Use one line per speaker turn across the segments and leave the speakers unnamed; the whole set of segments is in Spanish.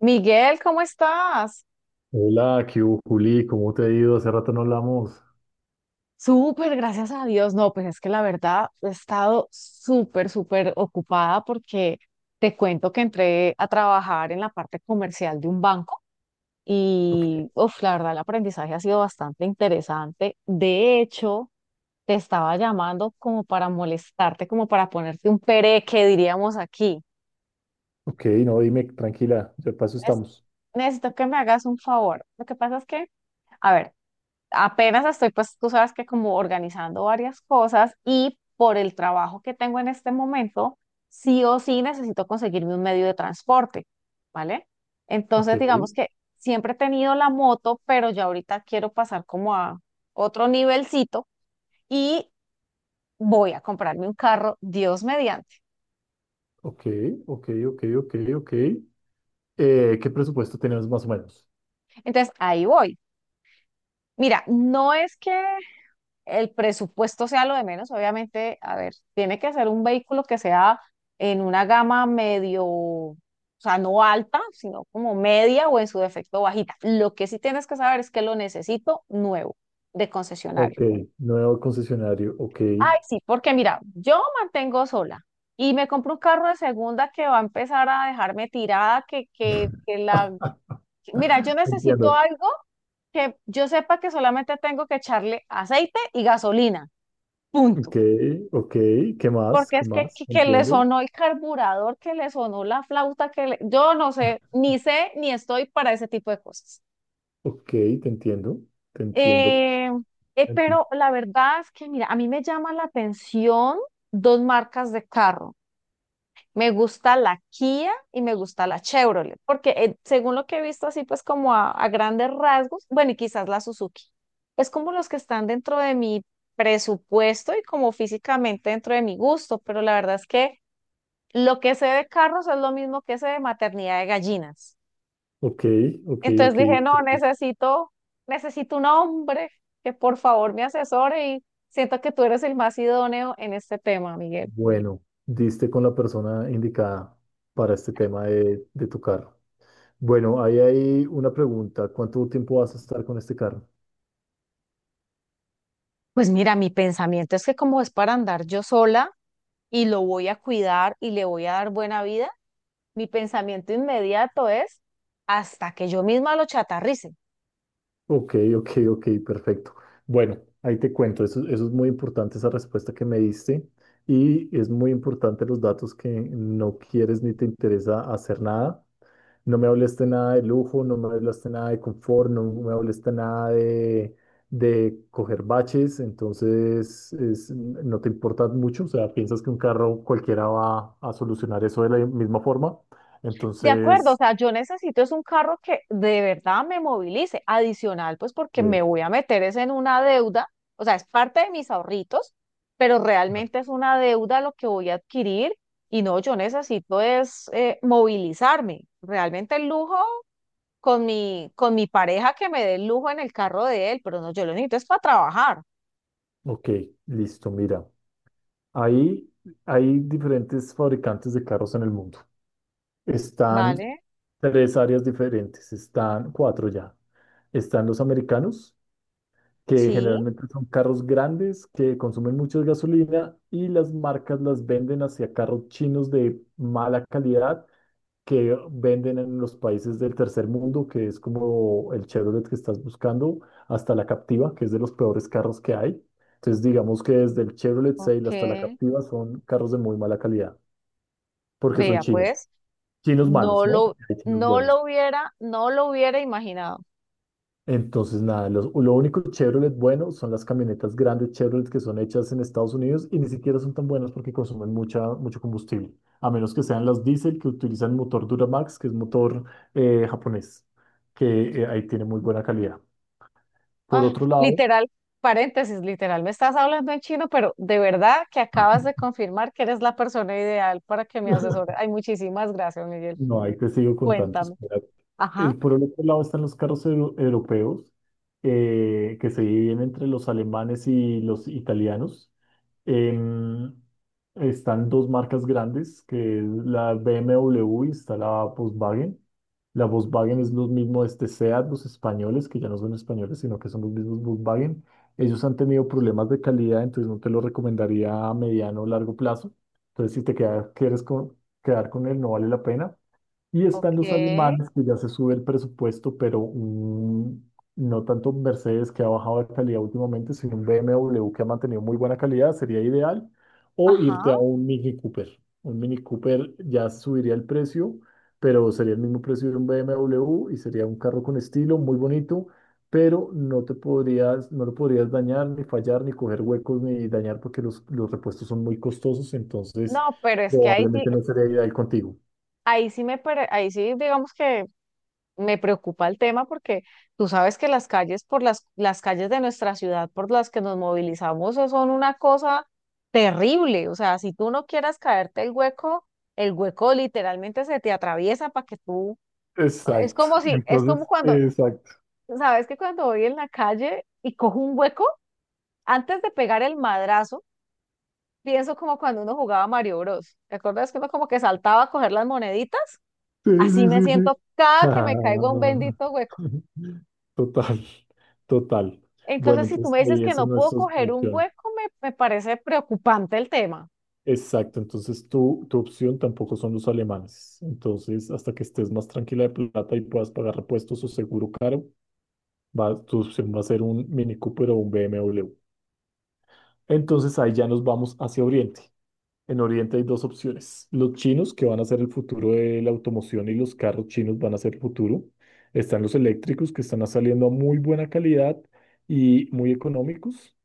Miguel, ¿cómo estás?
Hola, ¿qué hubo, Juli? ¿Cómo te ha ido? Hace rato no hablamos.
Súper, gracias a Dios. No, pues es que la verdad he estado súper, súper ocupada porque te cuento que entré a trabajar en la parte comercial de un banco
Ok,
y, uf, la verdad el aprendizaje ha sido bastante interesante. De hecho, te estaba llamando como para molestarte, como para ponerte un pereque, diríamos aquí.
ok, no, dime, tranquila, de paso
Es-
estamos.
Necesito que me hagas un favor. Lo que pasa es que, a ver, apenas estoy, pues tú sabes que como organizando varias cosas y por el trabajo que tengo en este momento, sí o sí necesito conseguirme un medio de transporte, ¿vale?
Ok,
Entonces, digamos que siempre he tenido la moto, pero ya ahorita quiero pasar como a otro nivelcito y voy a comprarme un carro, Dios mediante.
ok, ok. ¿Qué presupuesto tenemos más o menos?
Entonces, ahí voy. Mira, no es que el presupuesto sea lo de menos, obviamente, a ver, tiene que ser un vehículo que sea en una gama medio, o sea, no alta, sino como media o en su defecto bajita. Lo que sí tienes que saber es que lo necesito nuevo de concesionario.
Ok, nuevo concesionario, ok.
Ay, sí, porque mira, yo mantengo sola y me compro un carro de segunda que va a empezar a dejarme tirada, que la... Mira, yo necesito
Entiendo.
algo que yo sepa que solamente tengo que echarle aceite y gasolina.
Ok,
Punto.
ok, ¿qué más?
Porque
¿Qué
es que,
más?
que,
Te
que le
entiendo.
sonó el carburador, que le sonó la flauta, yo no sé, ni sé ni estoy para ese tipo de cosas.
Ok, te entiendo.
Eh, eh,
Enti-
pero la verdad es que, mira, a mí me llama la atención dos marcas de carro. Me gusta la Kia y me gusta la Chevrolet, porque según lo que he visto así, pues como a grandes rasgos, bueno, y quizás la Suzuki. Es como los que están dentro de mi presupuesto y como físicamente dentro de mi gusto, pero la verdad es que... Lo que sé de carros es lo mismo que sé de maternidad de gallinas.
Ok, ok,
Entonces
ok.
dije, no, necesito un hombre que por favor me asesore y siento que tú eres el más idóneo en este tema, Miguel.
Bueno, diste con la persona indicada para este tema de tu carro. Bueno, ahí hay una pregunta. ¿Cuánto tiempo vas a estar con este carro?
Pues mira, mi pensamiento es que como es para andar yo sola y lo voy a cuidar y le voy a dar buena vida, mi pensamiento inmediato es hasta que yo misma lo chatarrice.
Ok, ok, perfecto. Bueno, ahí te cuento. Eso es muy importante, esa respuesta que me diste. Y es muy importante los datos que no quieres ni te interesa hacer nada. No me hablaste nada de lujo, no me hablaste nada de confort, no me hablaste nada de coger baches. Entonces, no te importa mucho. O sea, piensas que un carro cualquiera va a solucionar eso de la misma forma.
De acuerdo, o
Entonces...
sea, yo necesito es un carro que de verdad me movilice, adicional, pues porque me
Sí.
voy a meter es en una deuda, o sea, es parte de mis ahorritos, pero realmente es una deuda lo que voy a adquirir y no, yo necesito es movilizarme. Realmente el lujo con mi pareja que me dé el lujo en el carro de él, pero no, yo lo necesito es para trabajar,
Ok, listo, mira. Ahí hay diferentes fabricantes de carros en el mundo. Están
¿vale?
tres áreas diferentes, están cuatro ya. Están los americanos, que
Sí,
generalmente son carros grandes que consumen mucha gasolina y las marcas las venden hacia carros chinos de mala calidad que venden en los países del tercer mundo, que es como el Chevrolet que estás buscando, hasta la Captiva, que es de los peores carros que hay. Entonces, digamos que desde el Chevrolet Sail hasta la
ok.
Captiva son carros de muy mala calidad, porque son
Vea,
chinos.
pues,
Chinos malos,
no
¿no?
lo,
Porque hay chinos buenos.
no lo hubiera imaginado.
Entonces, nada, lo único Chevrolet bueno son las camionetas grandes Chevrolet que son hechas en Estados Unidos y ni siquiera son tan buenas porque consumen mucho combustible, a menos que sean las diésel que utilizan motor Duramax, que es motor japonés, que ahí tiene muy buena calidad. Por
Ah,
otro lado,
literal, paréntesis, literal, me estás hablando en chino, pero de verdad que acabas de confirmar que eres la persona ideal para que me asesore. Ay, muchísimas gracias, Miguel.
no, ahí te sigo contando.
Cuéntame. Ajá,
Por el otro lado están los carros europeos, que se dividen entre los alemanes y los italianos. Em, están dos marcas grandes, que es la BMW y está la Volkswagen. La Volkswagen es lo mismo de este SEAT, los españoles, que ya no son españoles, sino que son los mismos Volkswagen. Ellos han tenido problemas de calidad, entonces no te lo recomendaría a mediano o largo plazo. Entonces, si quieres quedar con él, no vale la pena. Y están los
ok,
alemanes, que ya se sube el presupuesto, no tanto un Mercedes que ha bajado de calidad últimamente, sino un BMW que ha mantenido muy buena calidad, sería ideal. O irte a
ajá.
un Mini Cooper. Un Mini Cooper ya subiría el precio, pero sería el mismo precio de un BMW y sería un carro con estilo, muy bonito, pero no lo podrías dañar, ni fallar, ni coger huecos, ni dañar porque los repuestos son muy costosos, entonces
No, pero es que ahí sí,
probablemente no sería ideal contigo.
ahí sí, digamos que me preocupa el tema porque tú sabes que las calles las calles de nuestra ciudad por las que nos movilizamos son una cosa terrible. O sea, si tú no quieras caerte el hueco literalmente se te atraviesa para que tú, es
Exacto.
como si, es como
Entonces,
cuando,
exacto.
sabes que cuando voy en la calle y cojo un hueco, antes de pegar el madrazo, pienso como cuando uno jugaba Mario Bros. ¿Te acuerdas que uno como que saltaba a coger las moneditas?
Sí,
Así
sí,
me
sí, sí.
siento cada que
Ah,
me caigo a un bendito hueco.
total, total. Bueno,
Entonces, si tú
entonces
me dices
ahí
que
esa
no
no
puedo
es nuestra
coger un
opción.
hueco, me parece preocupante el tema.
Exacto, entonces tu opción tampoco son los alemanes. Entonces, hasta que estés más tranquila de plata y puedas pagar repuestos o seguro caro, va, tu opción va a ser un Mini Cooper o un BMW. Entonces ahí ya nos vamos hacia Oriente. En Oriente hay dos opciones. Los chinos, que van a ser el futuro de la automoción y los carros chinos van a ser el futuro. Están los eléctricos, que están saliendo a muy buena calidad y muy económicos,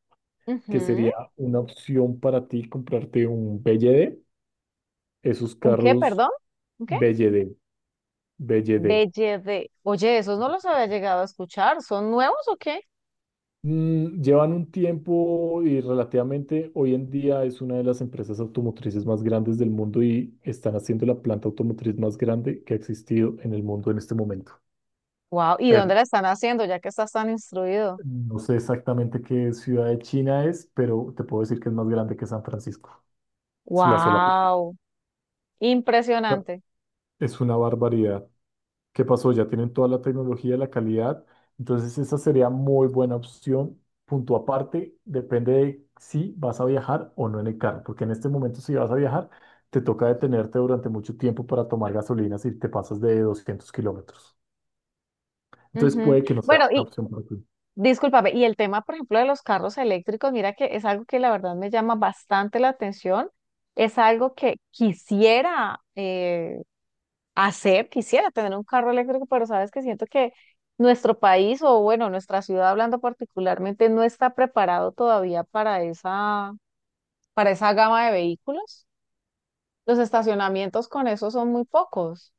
que
Ujú.
sería una opción para ti comprarte un BYD. Esos
¿Un qué,
carros
perdón? ¿Un qué?
BYD, BYD.
Belle de. Oye, esos no los había llegado a escuchar. ¿Son nuevos o qué?
Mm, llevan un tiempo y relativamente hoy en día es una de las empresas automotrices más grandes del mundo y están haciendo la planta automotriz más grande que ha existido en el mundo en este momento.
Wow. ¿Y dónde
El-
la están haciendo ya que estás tan instruido?
no sé exactamente qué ciudad de China es, pero te puedo decir que es más grande que San Francisco. Es la sola planta
Wow. Impresionante.
es una barbaridad. ¿Qué pasó? Ya tienen toda la tecnología, la calidad. Entonces, esa sería muy buena opción. Punto aparte, depende de si vas a viajar o no en el carro, porque en este momento, si vas a viajar, te toca detenerte durante mucho tiempo para tomar gasolina si te pasas de 200 kilómetros. Entonces,
Ujú.
puede que no sea
Bueno,
una
y
opción para ti.
discúlpame, y el tema, por ejemplo, de los carros eléctricos, mira que es algo que la verdad me llama bastante la atención. Es algo que quisiera hacer, quisiera tener un carro eléctrico, pero sabes que siento que nuestro país o bueno, nuestra ciudad hablando particularmente no está preparado todavía para esa, gama de vehículos. Los estacionamientos con eso son muy pocos.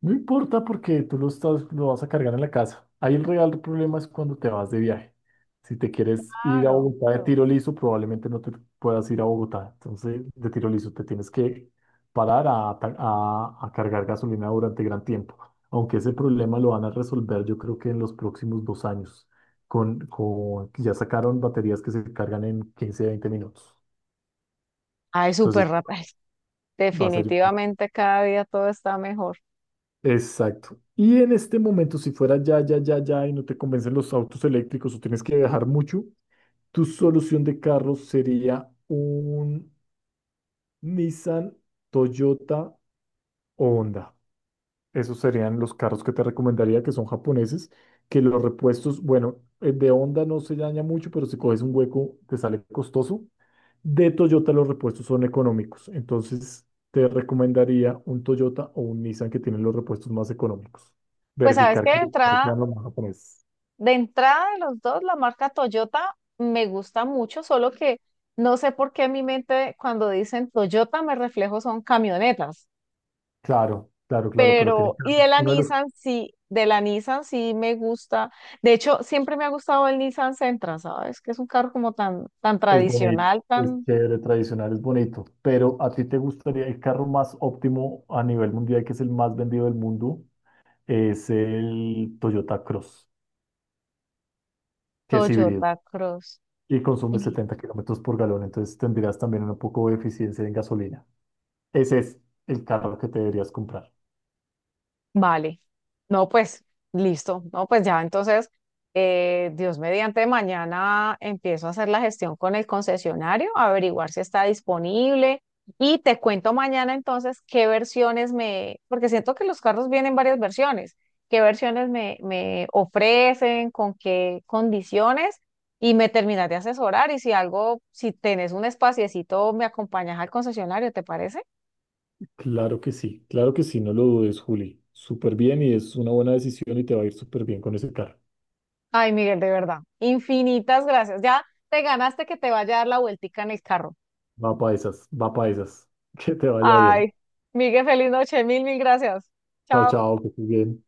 No importa porque lo vas a cargar en la casa. Ahí el real problema es cuando te vas de viaje. Si te quieres ir a
Claro.
Bogotá de tiro liso, probablemente no te puedas ir a Bogotá. Entonces, de tiro liso, te tienes que parar a, a cargar gasolina durante gran tiempo. Aunque ese problema lo van a resolver, yo creo que en los próximos 2 años, con ya sacaron baterías que se cargan en 15, 20 minutos.
Ay, súper
Entonces,
rápido.
va a ser.
Definitivamente cada día todo está mejor.
Exacto. Y en este momento, si fuera ya y no te convencen los autos eléctricos o tienes que viajar mucho, tu solución de carro sería un Nissan, Toyota o Honda. Esos serían los carros que te recomendaría, que son japoneses, que los repuestos, bueno, el de Honda no se daña mucho, pero si coges un hueco te sale costoso. De Toyota los repuestos son económicos, entonces te recomendaría un Toyota o un Nissan que tienen los repuestos más económicos.
Pues sabes
Verificar
que de
que claro,
entrada,
claro, lo japonés.
de los dos, la marca Toyota me gusta mucho, solo que no sé por qué en mi mente cuando dicen Toyota me reflejo son camionetas.
Claro, claro, claro, pero
Pero, y de la
uno de los
Nissan sí, de la Nissan sí me gusta. De hecho, siempre me ha gustado el Nissan Sentra, ¿sabes? Que es un carro como tan, tan
es bonito,
tradicional,
es
tan
chévere, tradicional, es bonito, pero a ti te gustaría el carro más óptimo a nivel mundial, que es el más vendido del mundo, es el Toyota Cross, que es híbrido
Toyota Cross.
y consume 70 kilómetros por galón, entonces tendrías también un poco de eficiencia en gasolina. Ese es el carro que te deberías comprar.
Vale. No, pues listo. No, pues ya entonces, Dios mediante, mañana empiezo a hacer la gestión con el concesionario, a averiguar si está disponible y te cuento mañana entonces qué versiones me, porque siento que los carros vienen varias versiones, qué versiones me ofrecen, con qué condiciones y me terminas de asesorar y si algo, si tenés un espaciecito, me acompañas al concesionario, ¿te parece?
Claro que sí, no lo dudes, Juli. Súper bien y es una buena decisión y te va a ir súper bien con ese carro.
Ay, Miguel, de verdad. Infinitas gracias. Ya te ganaste que te vaya a dar la vueltica en el carro.
Va para esas, va para esas. Que te vaya bien.
Ay, Miguel, feliz noche. Mil, mil gracias.
Chao,
Chao.
chao, que estés bien.